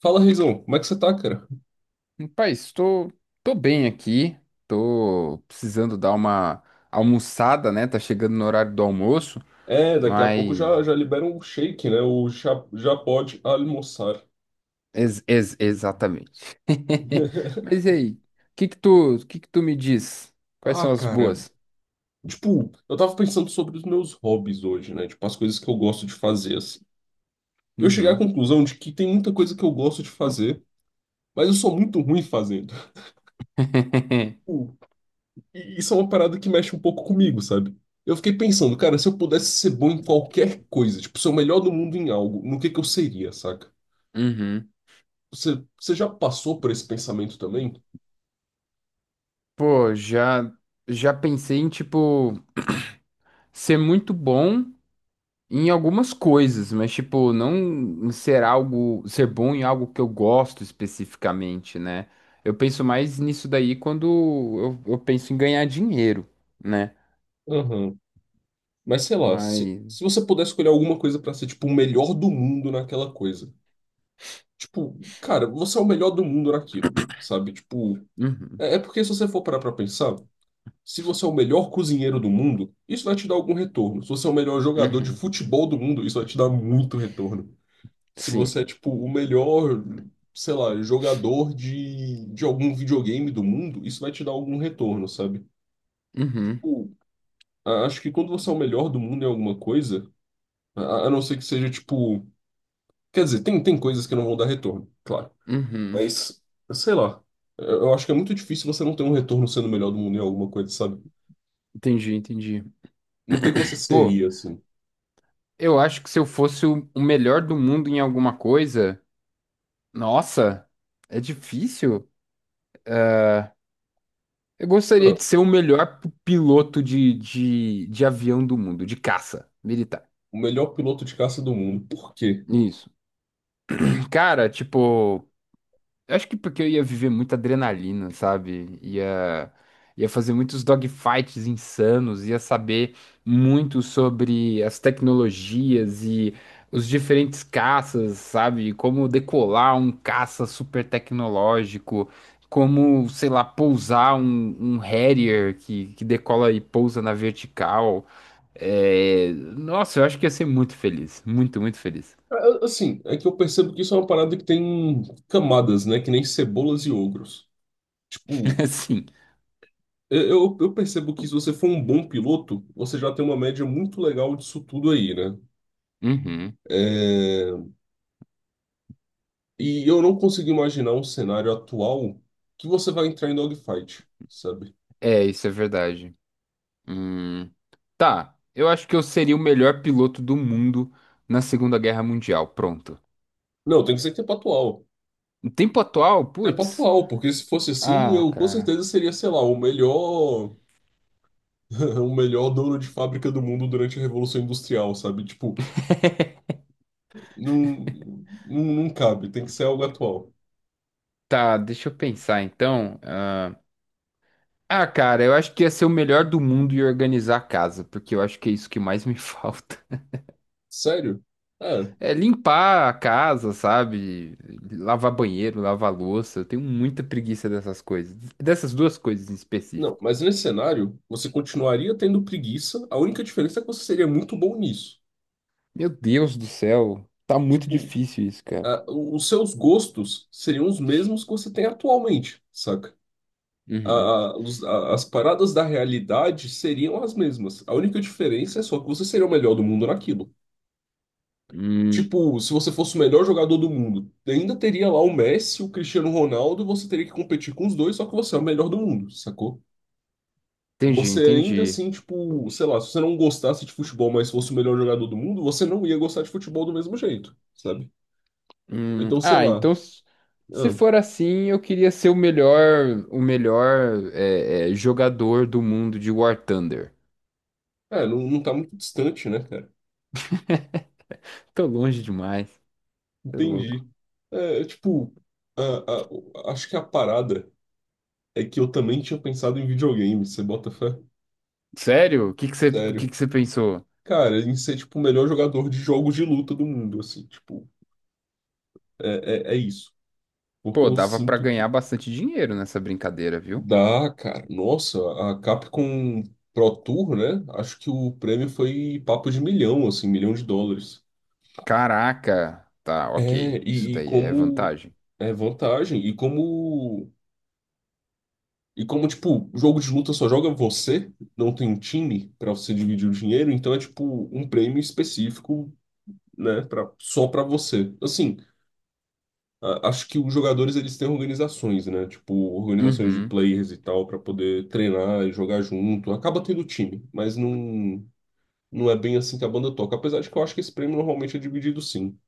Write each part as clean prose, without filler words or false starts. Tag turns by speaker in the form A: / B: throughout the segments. A: Fala, Reizão, como é que você tá, cara?
B: Pai, estou tô bem aqui, tô precisando dar uma almoçada, né? Tá chegando no horário do almoço,
A: É, daqui a pouco
B: mas
A: já, já libera um shake, né? O já, já pode almoçar.
B: exatamente. Mas e aí, o que que tu me diz? Quais
A: Ah,
B: são as
A: cara,
B: boas?
A: tipo, eu tava pensando sobre os meus hobbies hoje, né? Tipo, as coisas que eu gosto de fazer, assim. Eu cheguei à
B: Uhum.
A: conclusão de que tem muita coisa que eu gosto de fazer, mas eu sou muito ruim fazendo. Tipo, e isso é uma parada que mexe um pouco comigo, sabe? Eu fiquei pensando, cara, se eu pudesse ser bom em qualquer coisa, tipo, ser o melhor do mundo em algo, no que eu seria, saca?
B: Uhum.
A: Você já passou por esse pensamento também?
B: Pô, já pensei em tipo ser muito bom em algumas coisas, mas tipo, não ser algo, ser bom em algo que eu gosto especificamente, né? Eu penso mais nisso daí quando eu penso em ganhar dinheiro, né?
A: Aham. Mas sei lá, se,
B: Mas.
A: se você pudesse escolher alguma coisa pra ser, tipo, o melhor do mundo naquela coisa. Tipo, cara, você é o melhor do mundo naquilo, sabe? Tipo,
B: Uhum,
A: é porque se você for parar pra pensar, se você é o melhor cozinheiro do mundo, isso vai te dar algum retorno. Se você é o melhor jogador de
B: uhum,
A: futebol do mundo, isso vai te dar muito retorno. Se você
B: sim.
A: é, tipo, o melhor, sei lá, jogador de algum videogame do mundo, isso vai te dar algum retorno, sabe?
B: Uhum,
A: Tipo, acho que quando você é o melhor do mundo em alguma coisa. A não ser que seja tipo. Quer dizer, tem coisas que não vão dar retorno, claro.
B: uhum.
A: Mas, sei lá. Eu acho que é muito difícil você não ter um retorno sendo o melhor do mundo em alguma coisa, sabe?
B: Entendi, entendi.
A: No que você
B: Pô,
A: seria, assim?
B: eu acho que se eu fosse o melhor do mundo em alguma coisa, nossa, é difícil. Eu gostaria
A: Ah,
B: de ser o melhor piloto de avião do mundo, de caça militar.
A: o melhor piloto de caça do mundo. Por quê?
B: Isso. Cara, tipo, eu acho que porque eu ia viver muita adrenalina, sabe? Ia fazer muitos dogfights insanos, ia saber muito sobre as tecnologias e os diferentes caças, sabe? Como decolar um caça super tecnológico, como, sei lá, pousar um Harrier que decola e pousa na vertical. É, nossa, eu acho que ia ser muito feliz, muito, muito feliz.
A: Ah, assim, é que eu percebo que isso é uma parada que tem camadas, né? Que nem cebolas e ogros. Tipo,
B: Sim.
A: eu percebo que se você for um bom piloto, você já tem uma média muito legal disso tudo aí, né? É. E eu não consigo imaginar um cenário atual que você vai entrar em dogfight, sabe?
B: É, isso é verdade. Hum, Tá, eu acho que eu seria o melhor piloto do mundo na Segunda Guerra Mundial. Pronto.
A: Não, tem que ser tempo atual.
B: No tempo atual,
A: Tempo
B: putz.
A: atual, porque se fosse assim,
B: Ah,
A: eu com
B: cara.
A: certeza seria, sei lá, o melhor, o melhor dono de fábrica do mundo durante a Revolução Industrial, sabe? Tipo, não, não cabe, tem que ser algo atual.
B: Tá, deixa eu pensar então. Ah, cara, eu acho que ia ser o melhor do mundo e organizar a casa, porque eu acho que é isso que mais me falta.
A: Sério? É.
B: É limpar a casa, sabe? Lavar banheiro, lavar louça. Eu tenho muita preguiça dessas coisas. Dessas duas coisas em
A: Não,
B: específico.
A: mas nesse cenário, você continuaria tendo preguiça, a única diferença é que você seria muito bom nisso.
B: Meu Deus do céu, tá muito
A: Tipo,
B: difícil isso, cara.
A: ah, os seus gostos seriam os mesmos que você tem atualmente, saca?
B: Uhum.
A: As paradas da realidade seriam as mesmas. A única diferença é só que você seria o melhor do mundo naquilo.
B: Hum,
A: Tipo, se você fosse o melhor jogador do mundo, ainda teria lá o Messi, o Cristiano Ronaldo, e você teria que competir com os dois, só que você é o melhor do mundo, sacou?
B: entendi,
A: Você ainda
B: entendi.
A: assim, tipo, sei lá, se você não gostasse de futebol, mas fosse o melhor jogador do mundo, você não ia gostar de futebol do mesmo jeito, sabe? Então, sei
B: Ah,
A: lá.
B: então. Se
A: Ah,
B: for assim, eu queria ser o melhor, o melhor jogador do mundo de War Thunder.
A: é, não tá muito distante, né, cara?
B: Tô longe demais, tô louco.
A: Entendi. É, tipo, a- acho que a parada é que eu também tinha pensado em videogame, você bota fé?
B: Sério? O que
A: Sério.
B: que você pensou?
A: Cara, em ser, tipo, o melhor jogador de jogos de luta do mundo, assim, tipo, é isso. Porque
B: Pô,
A: eu
B: dava pra
A: sinto
B: ganhar
A: que
B: bastante dinheiro nessa brincadeira, viu?
A: dá, cara. Nossa, a Capcom Pro Tour, né? Acho que o prêmio foi papo de milhão, assim, milhão de dólares.
B: Caraca, tá,
A: É,
B: ok. Isso
A: e
B: daí é
A: como
B: vantagem.
A: é vantagem, e como, tipo, jogo de luta só joga você, não tem um time pra você dividir o dinheiro, então é, tipo, um prêmio específico, né, pra, só pra você. Assim, acho que os jogadores, eles têm organizações, né, tipo, organizações de
B: Uhum.
A: players e tal, pra poder treinar e jogar junto. Acaba tendo time, mas não é bem assim que a banda toca. Apesar de que eu acho que esse prêmio normalmente é dividido sim.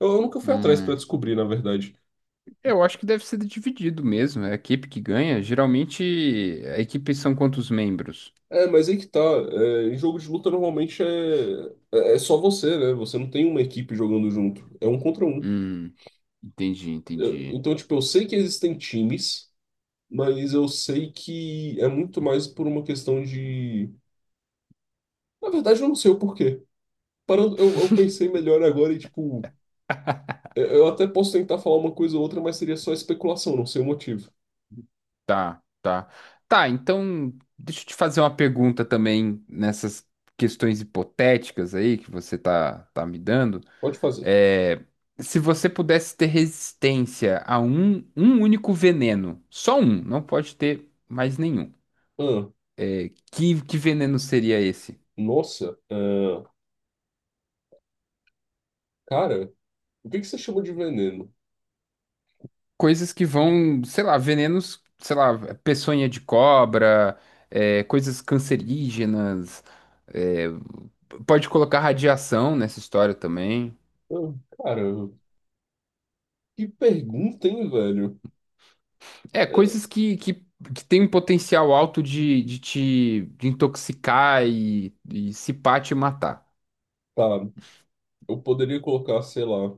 A: Eu nunca fui atrás pra
B: Hum.
A: descobrir, na verdade.
B: Eu acho que deve ser dividido mesmo. É a equipe que ganha. Geralmente, a equipe são quantos membros?
A: É, mas aí que tá. É, em jogo de luta normalmente é, é só você, né? Você não tem uma equipe jogando junto. É um contra um.
B: Hum, entendi, entendi.
A: Então, tipo, eu sei que existem times, mas eu sei que é muito mais por uma questão de. Na verdade, eu não sei o porquê. Parando, eu pensei melhor agora e, tipo, eu até posso tentar falar uma coisa ou outra, mas seria só especulação, não sei o motivo.
B: Tá, tá. Tá, então deixa eu te fazer uma pergunta também nessas questões hipotéticas aí que você tá me dando.
A: Pode fazer.
B: É, se você pudesse ter resistência a um único veneno, só um, não pode ter mais nenhum.
A: Ah,
B: É, que veneno seria esse?
A: nossa, ah, cara, o que que você chama de veneno?
B: Coisas que vão, sei lá, venenos, sei lá, peçonha de cobra, é, coisas cancerígenas. É, pode colocar radiação nessa história também.
A: Ah, cara, que pergunta, hein, velho?
B: É,
A: É,
B: coisas que tem um potencial alto de te de intoxicar e se pá, te matar.
A: tá, eu poderia colocar, sei lá.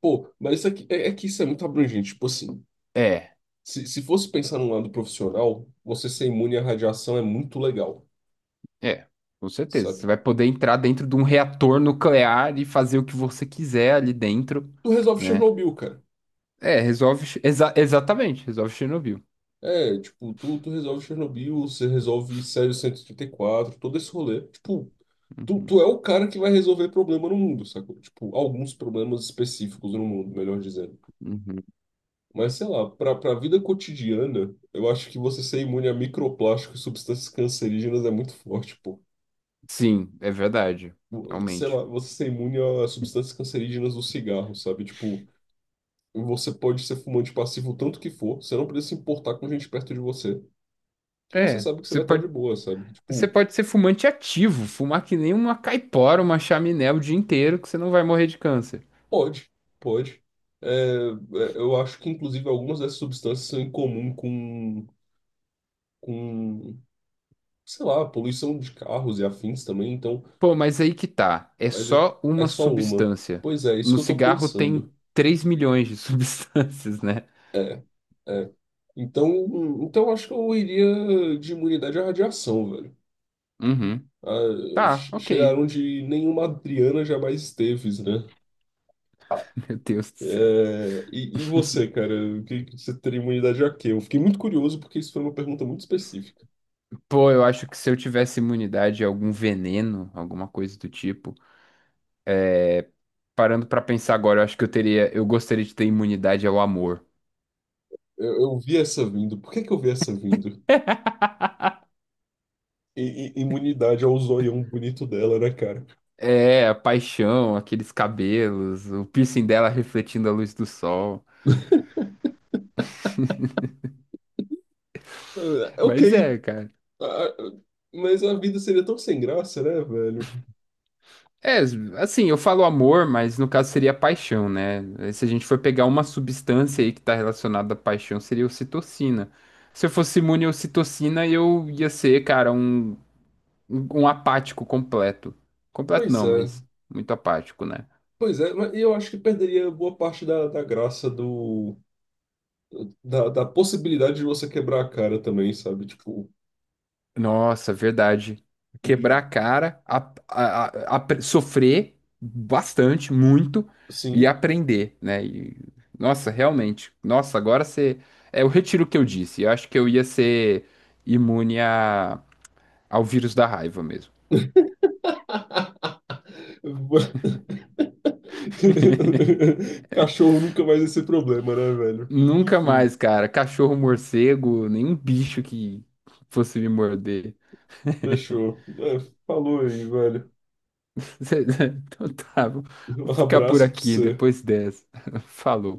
A: Pô, mas isso aqui, é que isso é muito abrangente. Tipo assim,
B: É,
A: se fosse pensar num lado profissional, você ser imune à radiação é muito legal,
B: é, com certeza. Você
A: sabe?
B: vai poder entrar dentro de um reator nuclear e fazer o que você quiser ali dentro,
A: Tu resolve
B: né?
A: Chernobyl, cara.
B: É, resolve. Exatamente, resolve Chernobyl.
A: É, tipo, tu resolve Chernobyl, você resolve sério cento e trinta e quatro todo esse rolê. Tipo, tu,
B: Uhum,
A: tu é o cara que vai resolver problema no mundo, sacou? Tipo, alguns problemas específicos no mundo, melhor dizendo.
B: uhum.
A: Mas sei lá, para a vida cotidiana, eu acho que você ser imune a microplásticos e substâncias cancerígenas é muito forte, pô.
B: Sim, é verdade,
A: Sei
B: realmente.
A: lá, você ser imune a substâncias cancerígenas do cigarro, sabe? Tipo, você pode ser fumante passivo o tanto que for, você não precisa se importar com gente perto de você, que você
B: É,
A: sabe que você
B: você
A: vai estar de
B: pode.
A: boa, sabe?
B: Você
A: Tipo,
B: pode ser fumante ativo, fumar que nem uma caipora, uma chaminé o dia inteiro, que você não vai morrer de câncer.
A: pode, pode. É, eu acho que, inclusive, algumas dessas substâncias são em comum com, sei lá, poluição de carros e afins também, então.
B: Pô, mas aí que tá. É
A: Mas é
B: só
A: é
B: uma
A: só uma.
B: substância.
A: Pois é, isso
B: No
A: que eu tô
B: cigarro tem
A: pensando.
B: 3 milhões de substâncias, né?
A: É. Então, então, eu acho que eu iria de imunidade à radiação, velho.
B: Uhum.
A: Ah,
B: Tá, ok.
A: chegar onde nenhuma Adriana jamais esteve, né?
B: Meu Deus do céu.
A: É, e você, cara? O que você teria imunidade a quê? Eu fiquei muito curioso porque isso foi uma pergunta muito específica.
B: Pô, eu acho que se eu tivesse imunidade a algum veneno, alguma coisa do tipo, parando pra pensar agora, eu acho que eu teria, eu gostaria de ter imunidade ao amor.
A: Eu vi essa vindo. Por que que eu vi essa vindo? Imunidade ao zoião bonito dela, né, cara?
B: É, a paixão, aqueles cabelos, o piercing dela refletindo a luz do sol.
A: Ah, ok.
B: Mas é, cara.
A: Ah, mas a vida seria tão sem graça, né, velho?
B: É, assim, eu falo amor, mas no caso seria paixão, né? Se a gente for pegar uma substância aí que tá relacionada à paixão, seria ocitocina. Se eu fosse imune à ocitocina, eu ia ser, cara, um apático completo. Completo
A: Pois
B: não,
A: é,
B: mas muito apático, né?
A: pois é, mas eu acho que perderia boa parte da graça do, da possibilidade de você quebrar a cara também, sabe? Tipo,
B: Nossa, verdade. Quebrar
A: e
B: a cara, sofrer bastante, muito, e
A: sim.
B: aprender, né? E, nossa, realmente. Nossa, agora você. É, eu retiro o que eu disse. Eu acho que eu ia ser imune a, ao vírus da raiva mesmo.
A: Cachorro nunca mais esse problema, né, velho?
B: Nunca
A: Enfim,
B: mais, cara. Cachorro, morcego, nenhum bicho que fosse me morder.
A: fechou. É, falou aí, velho.
B: Então tá, vou
A: Um
B: ficar por
A: abraço pra
B: aqui
A: você.
B: depois dessa. Falou.